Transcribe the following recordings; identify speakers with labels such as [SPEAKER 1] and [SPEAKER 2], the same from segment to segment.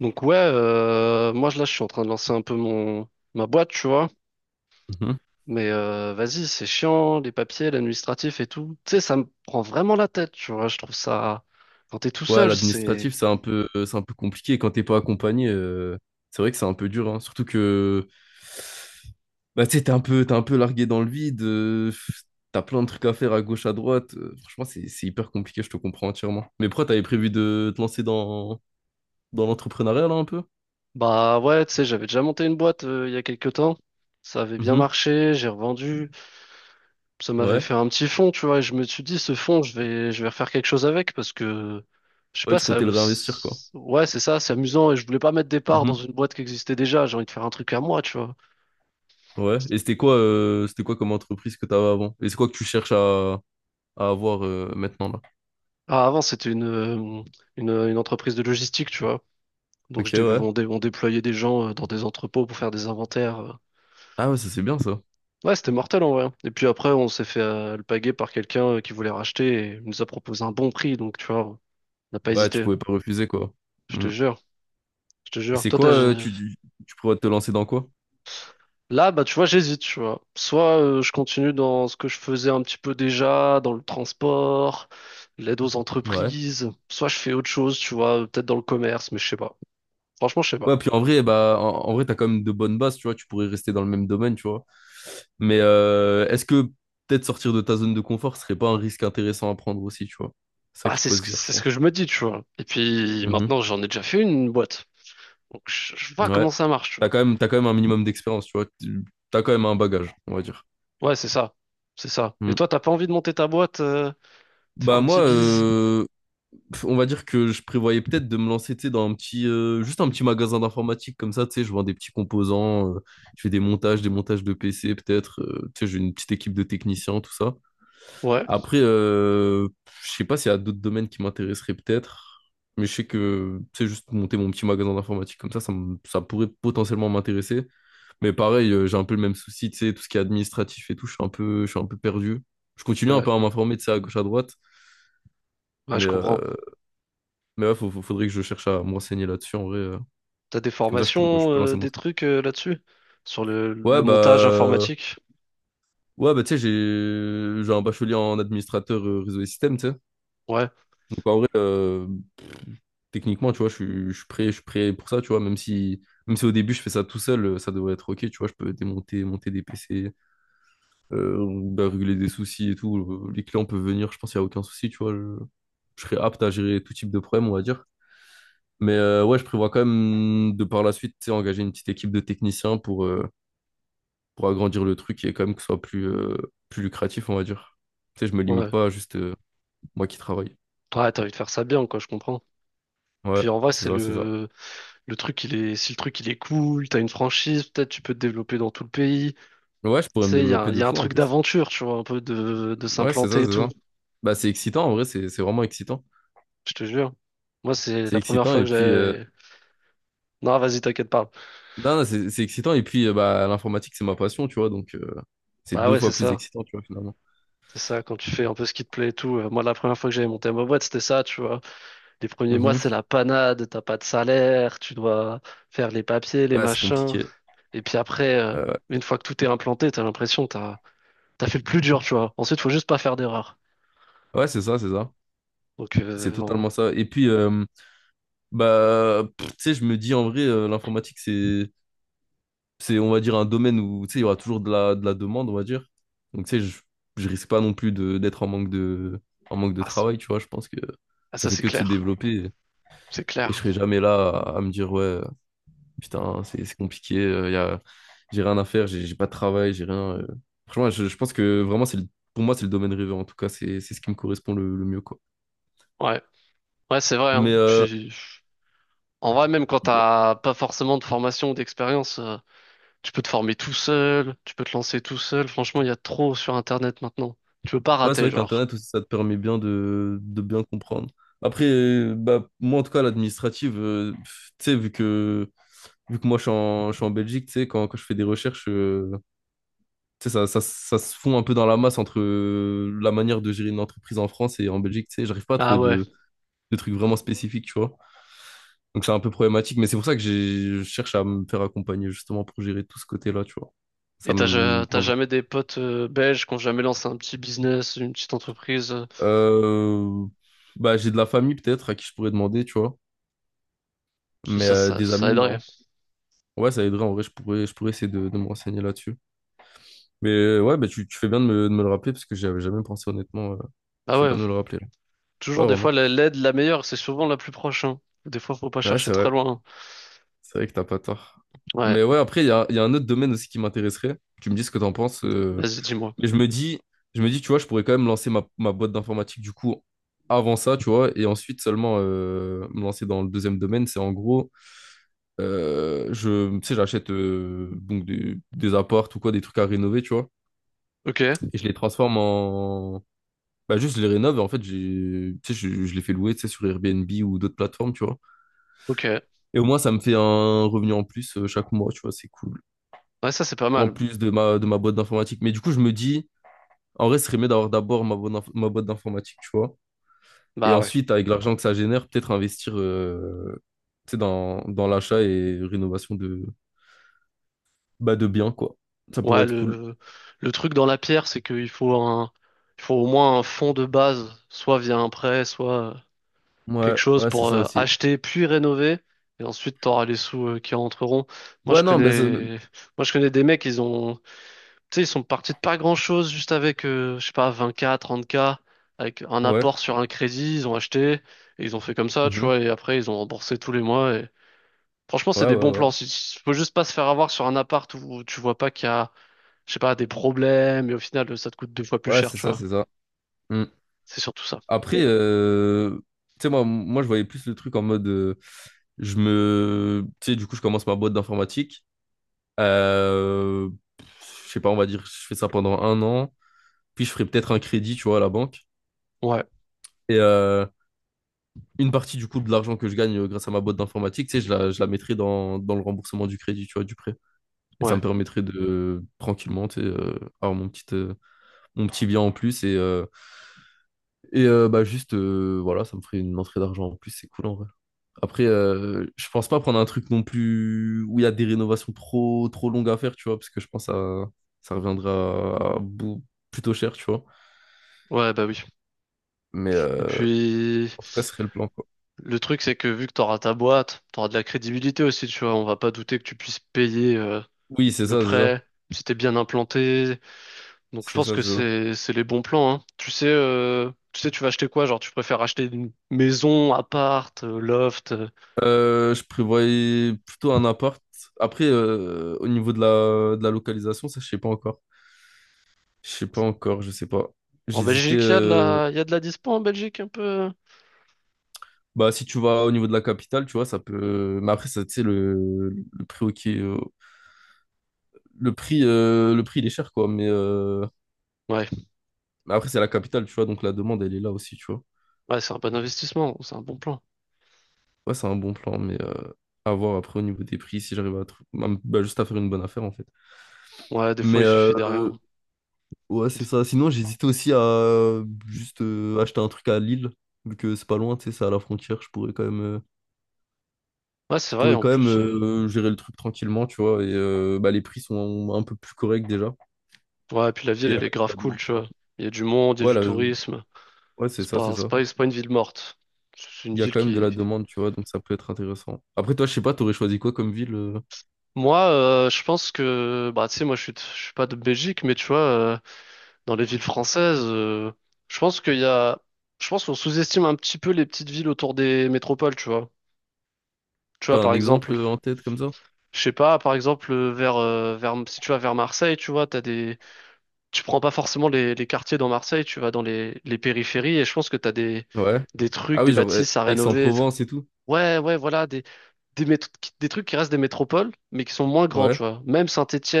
[SPEAKER 1] Donc ouais, là je suis en train de lancer un peu mon ma boîte, tu vois.
[SPEAKER 2] Mhm.
[SPEAKER 1] Mais vas-y, c'est chiant, les papiers, l'administratif et tout. Tu sais, ça me prend vraiment la tête, tu vois. Je trouve ça quand t'es tout
[SPEAKER 2] Ouais,
[SPEAKER 1] seul, c'est...
[SPEAKER 2] l'administratif, c'est un peu compliqué. Quand t'es pas accompagné, c'est vrai que c'est un peu dur, hein. Surtout que bah, tu sais, t'es un peu largué dans le vide. T'as plein de trucs à faire à gauche, à droite. Franchement, c'est hyper compliqué, je te comprends entièrement. Mais pourquoi t'avais prévu de te lancer dans l'entrepreneuriat, là, un peu?
[SPEAKER 1] Bah ouais, tu sais, j'avais déjà monté une boîte il y a quelques temps. Ça avait bien
[SPEAKER 2] Mhm.
[SPEAKER 1] marché, j'ai revendu, ça m'avait
[SPEAKER 2] Ouais.
[SPEAKER 1] fait un petit fond, tu vois. Et je me suis dit, ce fond, je vais refaire quelque chose avec, parce que je sais
[SPEAKER 2] Ouais,
[SPEAKER 1] pas,
[SPEAKER 2] tu
[SPEAKER 1] ça...
[SPEAKER 2] comptais le réinvestir, quoi.
[SPEAKER 1] Ouais, c'est ça, c'est amusant et je voulais pas mettre des parts dans
[SPEAKER 2] Mhm.
[SPEAKER 1] une boîte qui existait déjà. J'ai envie de faire un truc à moi, tu vois.
[SPEAKER 2] Ouais. Et c'était quoi comme entreprise que t'avais avant? Et c'est quoi que tu cherches à avoir maintenant, là?
[SPEAKER 1] Ah, avant, c'était une entreprise de logistique, tu vois. Donc,
[SPEAKER 2] Ok,
[SPEAKER 1] je dé-
[SPEAKER 2] ouais.
[SPEAKER 1] on, dé- on déployait des gens dans des entrepôts pour faire des inventaires.
[SPEAKER 2] Ah ouais, ça c'est bien, ça.
[SPEAKER 1] Ouais, c'était mortel en vrai. Et puis après, on s'est fait alpaguer par quelqu'un qui voulait racheter et il nous a proposé un bon prix. Donc, tu vois, on n'a pas
[SPEAKER 2] Ouais, tu
[SPEAKER 1] hésité.
[SPEAKER 2] pouvais pas refuser, quoi.
[SPEAKER 1] Je te
[SPEAKER 2] Mm.
[SPEAKER 1] jure, je te
[SPEAKER 2] Et
[SPEAKER 1] jure.
[SPEAKER 2] c'est
[SPEAKER 1] Toi,
[SPEAKER 2] quoi,
[SPEAKER 1] t'as...
[SPEAKER 2] tu pourrais te lancer dans quoi?
[SPEAKER 1] Là, bah, tu vois, j'hésite, tu vois. Soit je continue dans ce que je faisais un petit peu déjà, dans le transport, l'aide aux
[SPEAKER 2] Ouais.
[SPEAKER 1] entreprises. Soit je fais autre chose, tu vois, peut-être dans le commerce, mais je sais pas. Franchement, je sais pas.
[SPEAKER 2] Ouais, puis en vrai, bah, en vrai, t'as quand même de bonnes bases, tu vois, tu pourrais rester dans le même domaine, tu vois. Mais est-ce que peut-être sortir de ta zone de confort serait pas un risque intéressant à prendre aussi, tu vois? C'est ça
[SPEAKER 1] Bah,
[SPEAKER 2] qu'il
[SPEAKER 1] c'est
[SPEAKER 2] faut
[SPEAKER 1] ce
[SPEAKER 2] se
[SPEAKER 1] que,
[SPEAKER 2] dire, je
[SPEAKER 1] c'est ce
[SPEAKER 2] pense.
[SPEAKER 1] que je me dis, tu vois. Et puis maintenant, j'en ai déjà fait une boîte. Donc, je vois
[SPEAKER 2] Mhm. Ouais.
[SPEAKER 1] comment ça marche, tu vois.
[SPEAKER 2] T'as quand même un minimum d'expérience, tu vois. T'as quand même un bagage, on va dire.
[SPEAKER 1] Ouais, c'est ça. C'est ça. Et
[SPEAKER 2] Mm.
[SPEAKER 1] toi, t'as pas envie de monter ta boîte, te faire
[SPEAKER 2] Bah
[SPEAKER 1] un
[SPEAKER 2] moi,
[SPEAKER 1] petit bise?
[SPEAKER 2] pff, on va dire que je prévoyais peut-être de me lancer, tu sais, dans un petit, juste un petit magasin d'informatique comme ça, tu sais, je vends des petits composants, je fais des montages de PC peut-être, tu sais, j'ai une petite équipe de techniciens, tout ça.
[SPEAKER 1] Ouais,
[SPEAKER 2] Après, je sais pas s'il y a d'autres domaines qui m'intéresseraient peut-être, mais je sais que, tu sais, juste monter mon petit magasin d'informatique comme ça, ça pourrait potentiellement m'intéresser. Mais pareil, j'ai un peu le même souci, tu sais, tout ce qui est administratif et tout, je suis un peu perdu. Je continue un peu
[SPEAKER 1] ouais,
[SPEAKER 2] à m'informer, de ça à gauche, à droite,
[SPEAKER 1] ouais, je
[SPEAKER 2] mais
[SPEAKER 1] comprends.
[SPEAKER 2] euh, mais ouais, faudrait que je cherche à me renseigner là-dessus en vrai.
[SPEAKER 1] T'as des
[SPEAKER 2] Comme ça, je
[SPEAKER 1] formations,
[SPEAKER 2] peux lancer mon
[SPEAKER 1] des
[SPEAKER 2] truc.
[SPEAKER 1] trucs là-dessus? Sur le
[SPEAKER 2] Ouais,
[SPEAKER 1] montage
[SPEAKER 2] bah.
[SPEAKER 1] informatique?
[SPEAKER 2] Ouais, bah, tu sais, j'ai un bachelier en administrateur réseau et système, tu sais.
[SPEAKER 1] Ouais,
[SPEAKER 2] Donc, en vrai, techniquement, tu vois, je suis prêt pour ça, tu vois. Même si au début, je fais ça tout seul, ça devrait être OK, tu vois. Je peux démonter, monter des PC, bah, régler des soucis et tout. Les clients peuvent venir, je pense qu'il n'y a aucun souci, tu vois. Je serai apte à gérer tout type de problème, on va dire. Mais ouais, je prévois quand même de par la suite, tu sais, engager une petite équipe de techniciens pour. Pour agrandir le truc et quand même que ce soit plus, plus lucratif, on va dire. Tu sais, je me limite
[SPEAKER 1] ouais.
[SPEAKER 2] pas à juste moi qui travaille.
[SPEAKER 1] Ouais, t'as envie de faire ça bien, quoi, je comprends.
[SPEAKER 2] Ouais,
[SPEAKER 1] Puis en vrai,
[SPEAKER 2] c'est
[SPEAKER 1] c'est
[SPEAKER 2] ça, c'est ça.
[SPEAKER 1] le truc, si le truc, il est cool, t'as une franchise, peut-être tu peux te développer dans tout le pays. Tu
[SPEAKER 2] Ouais, je pourrais me
[SPEAKER 1] sais,
[SPEAKER 2] développer
[SPEAKER 1] il
[SPEAKER 2] de
[SPEAKER 1] y a un
[SPEAKER 2] fou en
[SPEAKER 1] truc
[SPEAKER 2] plus.
[SPEAKER 1] d'aventure, tu vois, un peu de
[SPEAKER 2] Ouais, c'est ça,
[SPEAKER 1] s'implanter et
[SPEAKER 2] c'est
[SPEAKER 1] tout.
[SPEAKER 2] ça. Bah, c'est excitant, en vrai, c'est vraiment excitant.
[SPEAKER 1] Je te jure. Moi, c'est
[SPEAKER 2] C'est
[SPEAKER 1] la première
[SPEAKER 2] excitant
[SPEAKER 1] fois
[SPEAKER 2] et
[SPEAKER 1] que
[SPEAKER 2] puis...
[SPEAKER 1] j'avais... Non, vas-y, t'inquiète, parle.
[SPEAKER 2] Non, non, c'est excitant et puis bah, l'informatique, c'est ma passion, tu vois, donc c'est
[SPEAKER 1] Bah
[SPEAKER 2] deux
[SPEAKER 1] ouais,
[SPEAKER 2] fois
[SPEAKER 1] c'est
[SPEAKER 2] plus
[SPEAKER 1] ça.
[SPEAKER 2] excitant, tu vois, finalement.
[SPEAKER 1] C'est ça, quand tu fais un peu ce qui te plaît et tout. Moi, la première fois que j'avais monté ma boîte, c'était ça, tu vois. Les premiers mois, c'est
[SPEAKER 2] Mhm.
[SPEAKER 1] la panade, t'as pas de salaire, tu dois faire les papiers, les
[SPEAKER 2] Ouais, c'est
[SPEAKER 1] machins.
[SPEAKER 2] compliqué.
[SPEAKER 1] Et puis après,
[SPEAKER 2] Euh,
[SPEAKER 1] une fois que tout est implanté, t'as l'impression que t'as fait le plus dur, tu vois. Ensuite, faut juste pas faire d'erreur.
[SPEAKER 2] ouais, c'est ça, c'est ça.
[SPEAKER 1] Donc,
[SPEAKER 2] C'est
[SPEAKER 1] euh, on-
[SPEAKER 2] totalement ça. Et puis, bah, pff, tu sais, je me dis en vrai, l'informatique, c'est, on va dire, un domaine où, tu sais, il y aura toujours de la demande, on va dire. Donc, tu sais, je risque pas non plus de, d'être en manque de
[SPEAKER 1] ah, c-
[SPEAKER 2] travail, tu vois. Je pense que
[SPEAKER 1] ah,
[SPEAKER 2] ça
[SPEAKER 1] ça,
[SPEAKER 2] fait
[SPEAKER 1] c'est
[SPEAKER 2] que de se
[SPEAKER 1] clair.
[SPEAKER 2] développer
[SPEAKER 1] C'est
[SPEAKER 2] et je
[SPEAKER 1] clair.
[SPEAKER 2] serai jamais là à me dire, ouais, putain, c'est compliqué, y a, j'ai rien à faire, j'ai pas de travail, j'ai rien. Franchement, je pense que vraiment, pour moi, c'est le domaine rêvé. En tout cas, c'est ce qui me correspond le mieux, quoi.
[SPEAKER 1] Ouais, ouais, c'est vrai, hein.
[SPEAKER 2] Mais
[SPEAKER 1] Puis, en vrai, même quand t'as pas forcément de formation ou d'expérience, tu peux te former tout seul, tu peux te lancer tout seul. Franchement, il y a trop sur Internet maintenant. Tu peux pas
[SPEAKER 2] ouais, c'est
[SPEAKER 1] rater,
[SPEAKER 2] vrai
[SPEAKER 1] genre.
[SPEAKER 2] qu'Internet aussi, ça te permet bien de bien comprendre. Après, bah, moi, en tout cas, l'administrative, pff, tu sais, vu que moi, je suis en Belgique, tu sais, quand je fais des recherches, tu sais, ça se fond un peu dans la masse entre la manière de gérer une entreprise en France et en Belgique, tu sais, j'arrive pas à
[SPEAKER 1] Ah
[SPEAKER 2] trouver
[SPEAKER 1] ouais.
[SPEAKER 2] de trucs vraiment spécifiques, tu vois. Donc, c'est un peu problématique, mais c'est pour ça que je cherche à me faire accompagner, justement, pour gérer tout ce côté-là, tu vois. Ça
[SPEAKER 1] Et
[SPEAKER 2] me...
[SPEAKER 1] t'as
[SPEAKER 2] enfin,
[SPEAKER 1] jamais des potes belges qui ont jamais lancé un petit business, une petite entreprise.
[SPEAKER 2] euh, bah, j'ai de la famille, peut-être, à qui je pourrais demander, tu vois. Mais
[SPEAKER 1] Ça, ça,
[SPEAKER 2] des
[SPEAKER 1] ça
[SPEAKER 2] amis,
[SPEAKER 1] aiderait.
[SPEAKER 2] non. Ouais, ça aiderait en vrai, je pourrais essayer de me renseigner là-dessus. Mais ouais, bah, tu fais bien de me le rappeler parce que j'y avais jamais pensé honnêtement.
[SPEAKER 1] Ah
[SPEAKER 2] Tu fais
[SPEAKER 1] ouais.
[SPEAKER 2] bien de me le rappeler là.
[SPEAKER 1] Toujours
[SPEAKER 2] Ouais,
[SPEAKER 1] des fois,
[SPEAKER 2] vraiment.
[SPEAKER 1] l'aide la meilleure, c'est souvent la plus proche, hein. Des fois, faut pas
[SPEAKER 2] Ouais,
[SPEAKER 1] chercher
[SPEAKER 2] c'est
[SPEAKER 1] très
[SPEAKER 2] vrai.
[SPEAKER 1] loin.
[SPEAKER 2] C'est vrai que t'as pas tort.
[SPEAKER 1] Hein. Ouais.
[SPEAKER 2] Mais ouais, après, il y a un autre domaine aussi qui m'intéresserait. Tu me dis ce que t'en penses.
[SPEAKER 1] Vas-y, dis-moi.
[SPEAKER 2] Mais je me dis, tu vois, je pourrais quand même lancer ma boîte d'informatique du coup avant ça, tu vois, et ensuite seulement me lancer dans le deuxième domaine. C'est en gros, je, tu sais, j'achète donc des apparts ou quoi, des trucs à rénover, tu vois.
[SPEAKER 1] Ok.
[SPEAKER 2] Et je les transforme en... Bah juste, je les rénove. En fait, tu sais, je les fais louer, tu sais, sur Airbnb ou d'autres plateformes, tu vois.
[SPEAKER 1] Ok.
[SPEAKER 2] Et au moins, ça me fait un revenu en plus chaque mois, tu vois, c'est cool.
[SPEAKER 1] Ouais, ça, c'est pas
[SPEAKER 2] En
[SPEAKER 1] mal.
[SPEAKER 2] plus de de ma boîte d'informatique. Mais du coup, je me dis, en vrai, ce serait mieux d'avoir d'abord ma boîte d'informatique, tu vois. Et
[SPEAKER 1] Bah ouais.
[SPEAKER 2] ensuite, avec l'argent que ça génère, peut-être investir tu sais, dans l'achat et rénovation de, bah, de biens, quoi. Ça
[SPEAKER 1] Ouais,
[SPEAKER 2] pourrait être cool.
[SPEAKER 1] le truc dans la pierre, c'est qu'il faut au moins un fonds de base, soit via un prêt, soit... quelque
[SPEAKER 2] Ouais,
[SPEAKER 1] chose
[SPEAKER 2] ouais, c'est
[SPEAKER 1] pour
[SPEAKER 2] ça aussi.
[SPEAKER 1] acheter puis rénover. Et ensuite, tu auras les sous qui rentreront. Moi,
[SPEAKER 2] Ouais,
[SPEAKER 1] je
[SPEAKER 2] non, bah,
[SPEAKER 1] connais, moi, je connais des mecs, tu sais, ils sont partis de pas grand-chose juste avec, je sais pas, 20K, 30K, avec un
[SPEAKER 2] ouais.
[SPEAKER 1] apport sur un crédit, ils ont acheté, et ils ont fait comme ça, tu
[SPEAKER 2] Mhm.
[SPEAKER 1] vois, et après, ils ont remboursé tous les mois. Et... Franchement,
[SPEAKER 2] Ouais,
[SPEAKER 1] c'est des bons
[SPEAKER 2] ouais, ouais.
[SPEAKER 1] plans. Faut juste pas se faire avoir sur un appart où tu vois pas qu'il y a, je sais pas, des problèmes, et au final, ça te coûte deux fois plus
[SPEAKER 2] Ouais,
[SPEAKER 1] cher,
[SPEAKER 2] c'est
[SPEAKER 1] tu
[SPEAKER 2] ça,
[SPEAKER 1] vois.
[SPEAKER 2] c'est ça. Hmm.
[SPEAKER 1] C'est surtout ça.
[SPEAKER 2] Après, tu sais, moi, je voyais plus le truc en mode. Je me. Tu sais, du coup, je commence ma boîte d'informatique. Euh, je sais pas, on va dire, je fais ça pendant 1 an. Puis, je ferai peut-être un crédit, tu vois, à la banque.
[SPEAKER 1] Ouais,
[SPEAKER 2] Et une partie, du coup, de l'argent que je gagne grâce à ma boîte d'informatique, tu sais, je la mettrai dans le remboursement du crédit, tu vois, du prêt. Et ça
[SPEAKER 1] ouais,
[SPEAKER 2] me permettrait de tranquillement, tu sais, avoir mon petit bien en plus. Et bah, juste, voilà, ça me ferait une entrée d'argent en plus. C'est cool, en vrai. Après, je pense pas prendre un truc non plus où il y a des rénovations trop, trop longues à faire, tu vois, parce que je pense que ça, ça reviendra à bout- plutôt cher, tu vois.
[SPEAKER 1] ouais, bah oui.
[SPEAKER 2] Mais
[SPEAKER 1] Et puis...
[SPEAKER 2] en tout cas, ce serait le plan, quoi.
[SPEAKER 1] Le truc, c'est que vu que t'auras ta boîte, t'auras de la crédibilité aussi, tu vois. On va pas douter que tu puisses payer
[SPEAKER 2] Oui, c'est
[SPEAKER 1] le
[SPEAKER 2] ça, c'est ça.
[SPEAKER 1] prêt si t'es bien implanté. Donc je
[SPEAKER 2] C'est
[SPEAKER 1] pense
[SPEAKER 2] ça,
[SPEAKER 1] que
[SPEAKER 2] c'est ça.
[SPEAKER 1] c'est les bons plans, hein. Tu sais, tu vas acheter quoi? Genre, tu préfères acheter une maison, appart, loft.
[SPEAKER 2] Je prévoyais plutôt un appart. Après, au niveau de la localisation, ça, je sais pas encore. Je sais pas encore, je sais pas.
[SPEAKER 1] En
[SPEAKER 2] J'hésitais.
[SPEAKER 1] Belgique, il y a de la dispo en Belgique un peu.
[SPEAKER 2] Bah, si tu vas au niveau de la capitale, tu vois, ça peut. Mais après, ça, tu sais, le prix au, le prix, il est cher, quoi.
[SPEAKER 1] Ouais,
[SPEAKER 2] Mais après, c'est la capitale, tu vois. Donc, la demande, elle est là aussi, tu vois.
[SPEAKER 1] ouais, c'est un bon investissement, c'est un bon plan.
[SPEAKER 2] Ouais, c'est un bon plan, mais à voir après au niveau des prix, si j'arrive à, bah, juste à faire une bonne affaire, en fait.
[SPEAKER 1] Ouais, des fois,
[SPEAKER 2] Mais
[SPEAKER 1] il suffit de rien.
[SPEAKER 2] ouais, c'est
[SPEAKER 1] Des-
[SPEAKER 2] ça. Sinon, j'hésitais aussi à juste acheter un truc à Lille, vu que c'est pas loin, tu sais, c'est à la frontière. Je pourrais quand même,
[SPEAKER 1] Ouais, c'est
[SPEAKER 2] je
[SPEAKER 1] vrai,
[SPEAKER 2] pourrais
[SPEAKER 1] en
[SPEAKER 2] quand même
[SPEAKER 1] plus.
[SPEAKER 2] gérer le truc tranquillement, tu vois. Et bah, les prix sont un peu plus corrects déjà.
[SPEAKER 1] Ouais, puis la
[SPEAKER 2] Et
[SPEAKER 1] ville,
[SPEAKER 2] il y a
[SPEAKER 1] elle est
[SPEAKER 2] quand même de
[SPEAKER 1] grave
[SPEAKER 2] la
[SPEAKER 1] cool,
[SPEAKER 2] demande,
[SPEAKER 1] tu
[SPEAKER 2] tu
[SPEAKER 1] vois.
[SPEAKER 2] vois.
[SPEAKER 1] Il y a du monde, il y a du
[SPEAKER 2] Voilà,
[SPEAKER 1] tourisme.
[SPEAKER 2] ouais, c'est
[SPEAKER 1] C'est
[SPEAKER 2] ça, c'est
[SPEAKER 1] pas, c'est
[SPEAKER 2] ça.
[SPEAKER 1] pas, c'est pas une ville morte. C'est une
[SPEAKER 2] Il y a
[SPEAKER 1] ville
[SPEAKER 2] quand même de la
[SPEAKER 1] qui...
[SPEAKER 2] demande, tu vois, donc ça peut être intéressant. Après, toi, je sais pas, t'aurais choisi quoi comme ville? Euh,
[SPEAKER 1] Moi, je pense que... Bah, tu sais, moi, je suis pas de Belgique, mais tu vois, dans les villes françaises, je pense qu'il y a... Je pense qu'on sous-estime un petit peu les petites villes autour des métropoles, tu vois. Tu
[SPEAKER 2] t'as
[SPEAKER 1] vois, par
[SPEAKER 2] un
[SPEAKER 1] exemple,
[SPEAKER 2] exemple en tête comme ça?
[SPEAKER 1] je sais pas, par exemple, vers, si tu vas vers Marseille, tu vois, t'as des... Tu prends pas forcément les quartiers dans Marseille, tu vas dans les périphéries, et je pense que t'as
[SPEAKER 2] Ouais.
[SPEAKER 1] des trucs,
[SPEAKER 2] Ah
[SPEAKER 1] des
[SPEAKER 2] oui, genre eh,
[SPEAKER 1] bâtisses à rénover.
[SPEAKER 2] Aix-en-Provence et tout.
[SPEAKER 1] Ouais, ouais, voilà, des, mét- des trucs qui restent des métropoles, mais qui sont moins grands,
[SPEAKER 2] Ouais.
[SPEAKER 1] tu vois. Même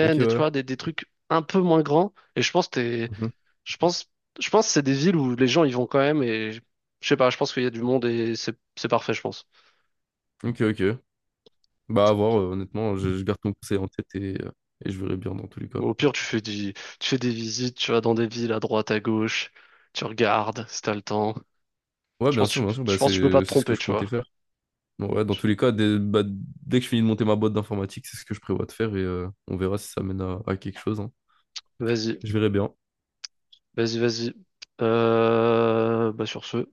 [SPEAKER 2] Ok,
[SPEAKER 1] tu
[SPEAKER 2] ouais.
[SPEAKER 1] vois, des trucs un peu moins grands. Et
[SPEAKER 2] Mhm.
[SPEAKER 1] je pense, je pense que c'est des villes où les gens y vont quand même. Et je sais pas, je pense qu'il y a du monde et c'est parfait, je pense.
[SPEAKER 2] Ok, ok. Bah, à voir, honnêtement, je garde ton conseil en tête et je verrai bien dans tous les cas.
[SPEAKER 1] Ou au pire, tu fais des visites, tu vas dans des villes à droite, à gauche, tu regardes si t'as le temps.
[SPEAKER 2] Ouais, bien sûr, bah,
[SPEAKER 1] Je pense que tu peux pas te
[SPEAKER 2] c'est ce que
[SPEAKER 1] tromper,
[SPEAKER 2] je
[SPEAKER 1] tu
[SPEAKER 2] comptais
[SPEAKER 1] vois.
[SPEAKER 2] faire. Bon, ouais, dans tous les cas, dès que je finis de monter ma boîte d'informatique, c'est ce que je prévois de faire et on verra si ça mène à quelque chose, hein.
[SPEAKER 1] Vas-y,
[SPEAKER 2] Je verrai bien.
[SPEAKER 1] vas-y, vas-y. Bah sur ce.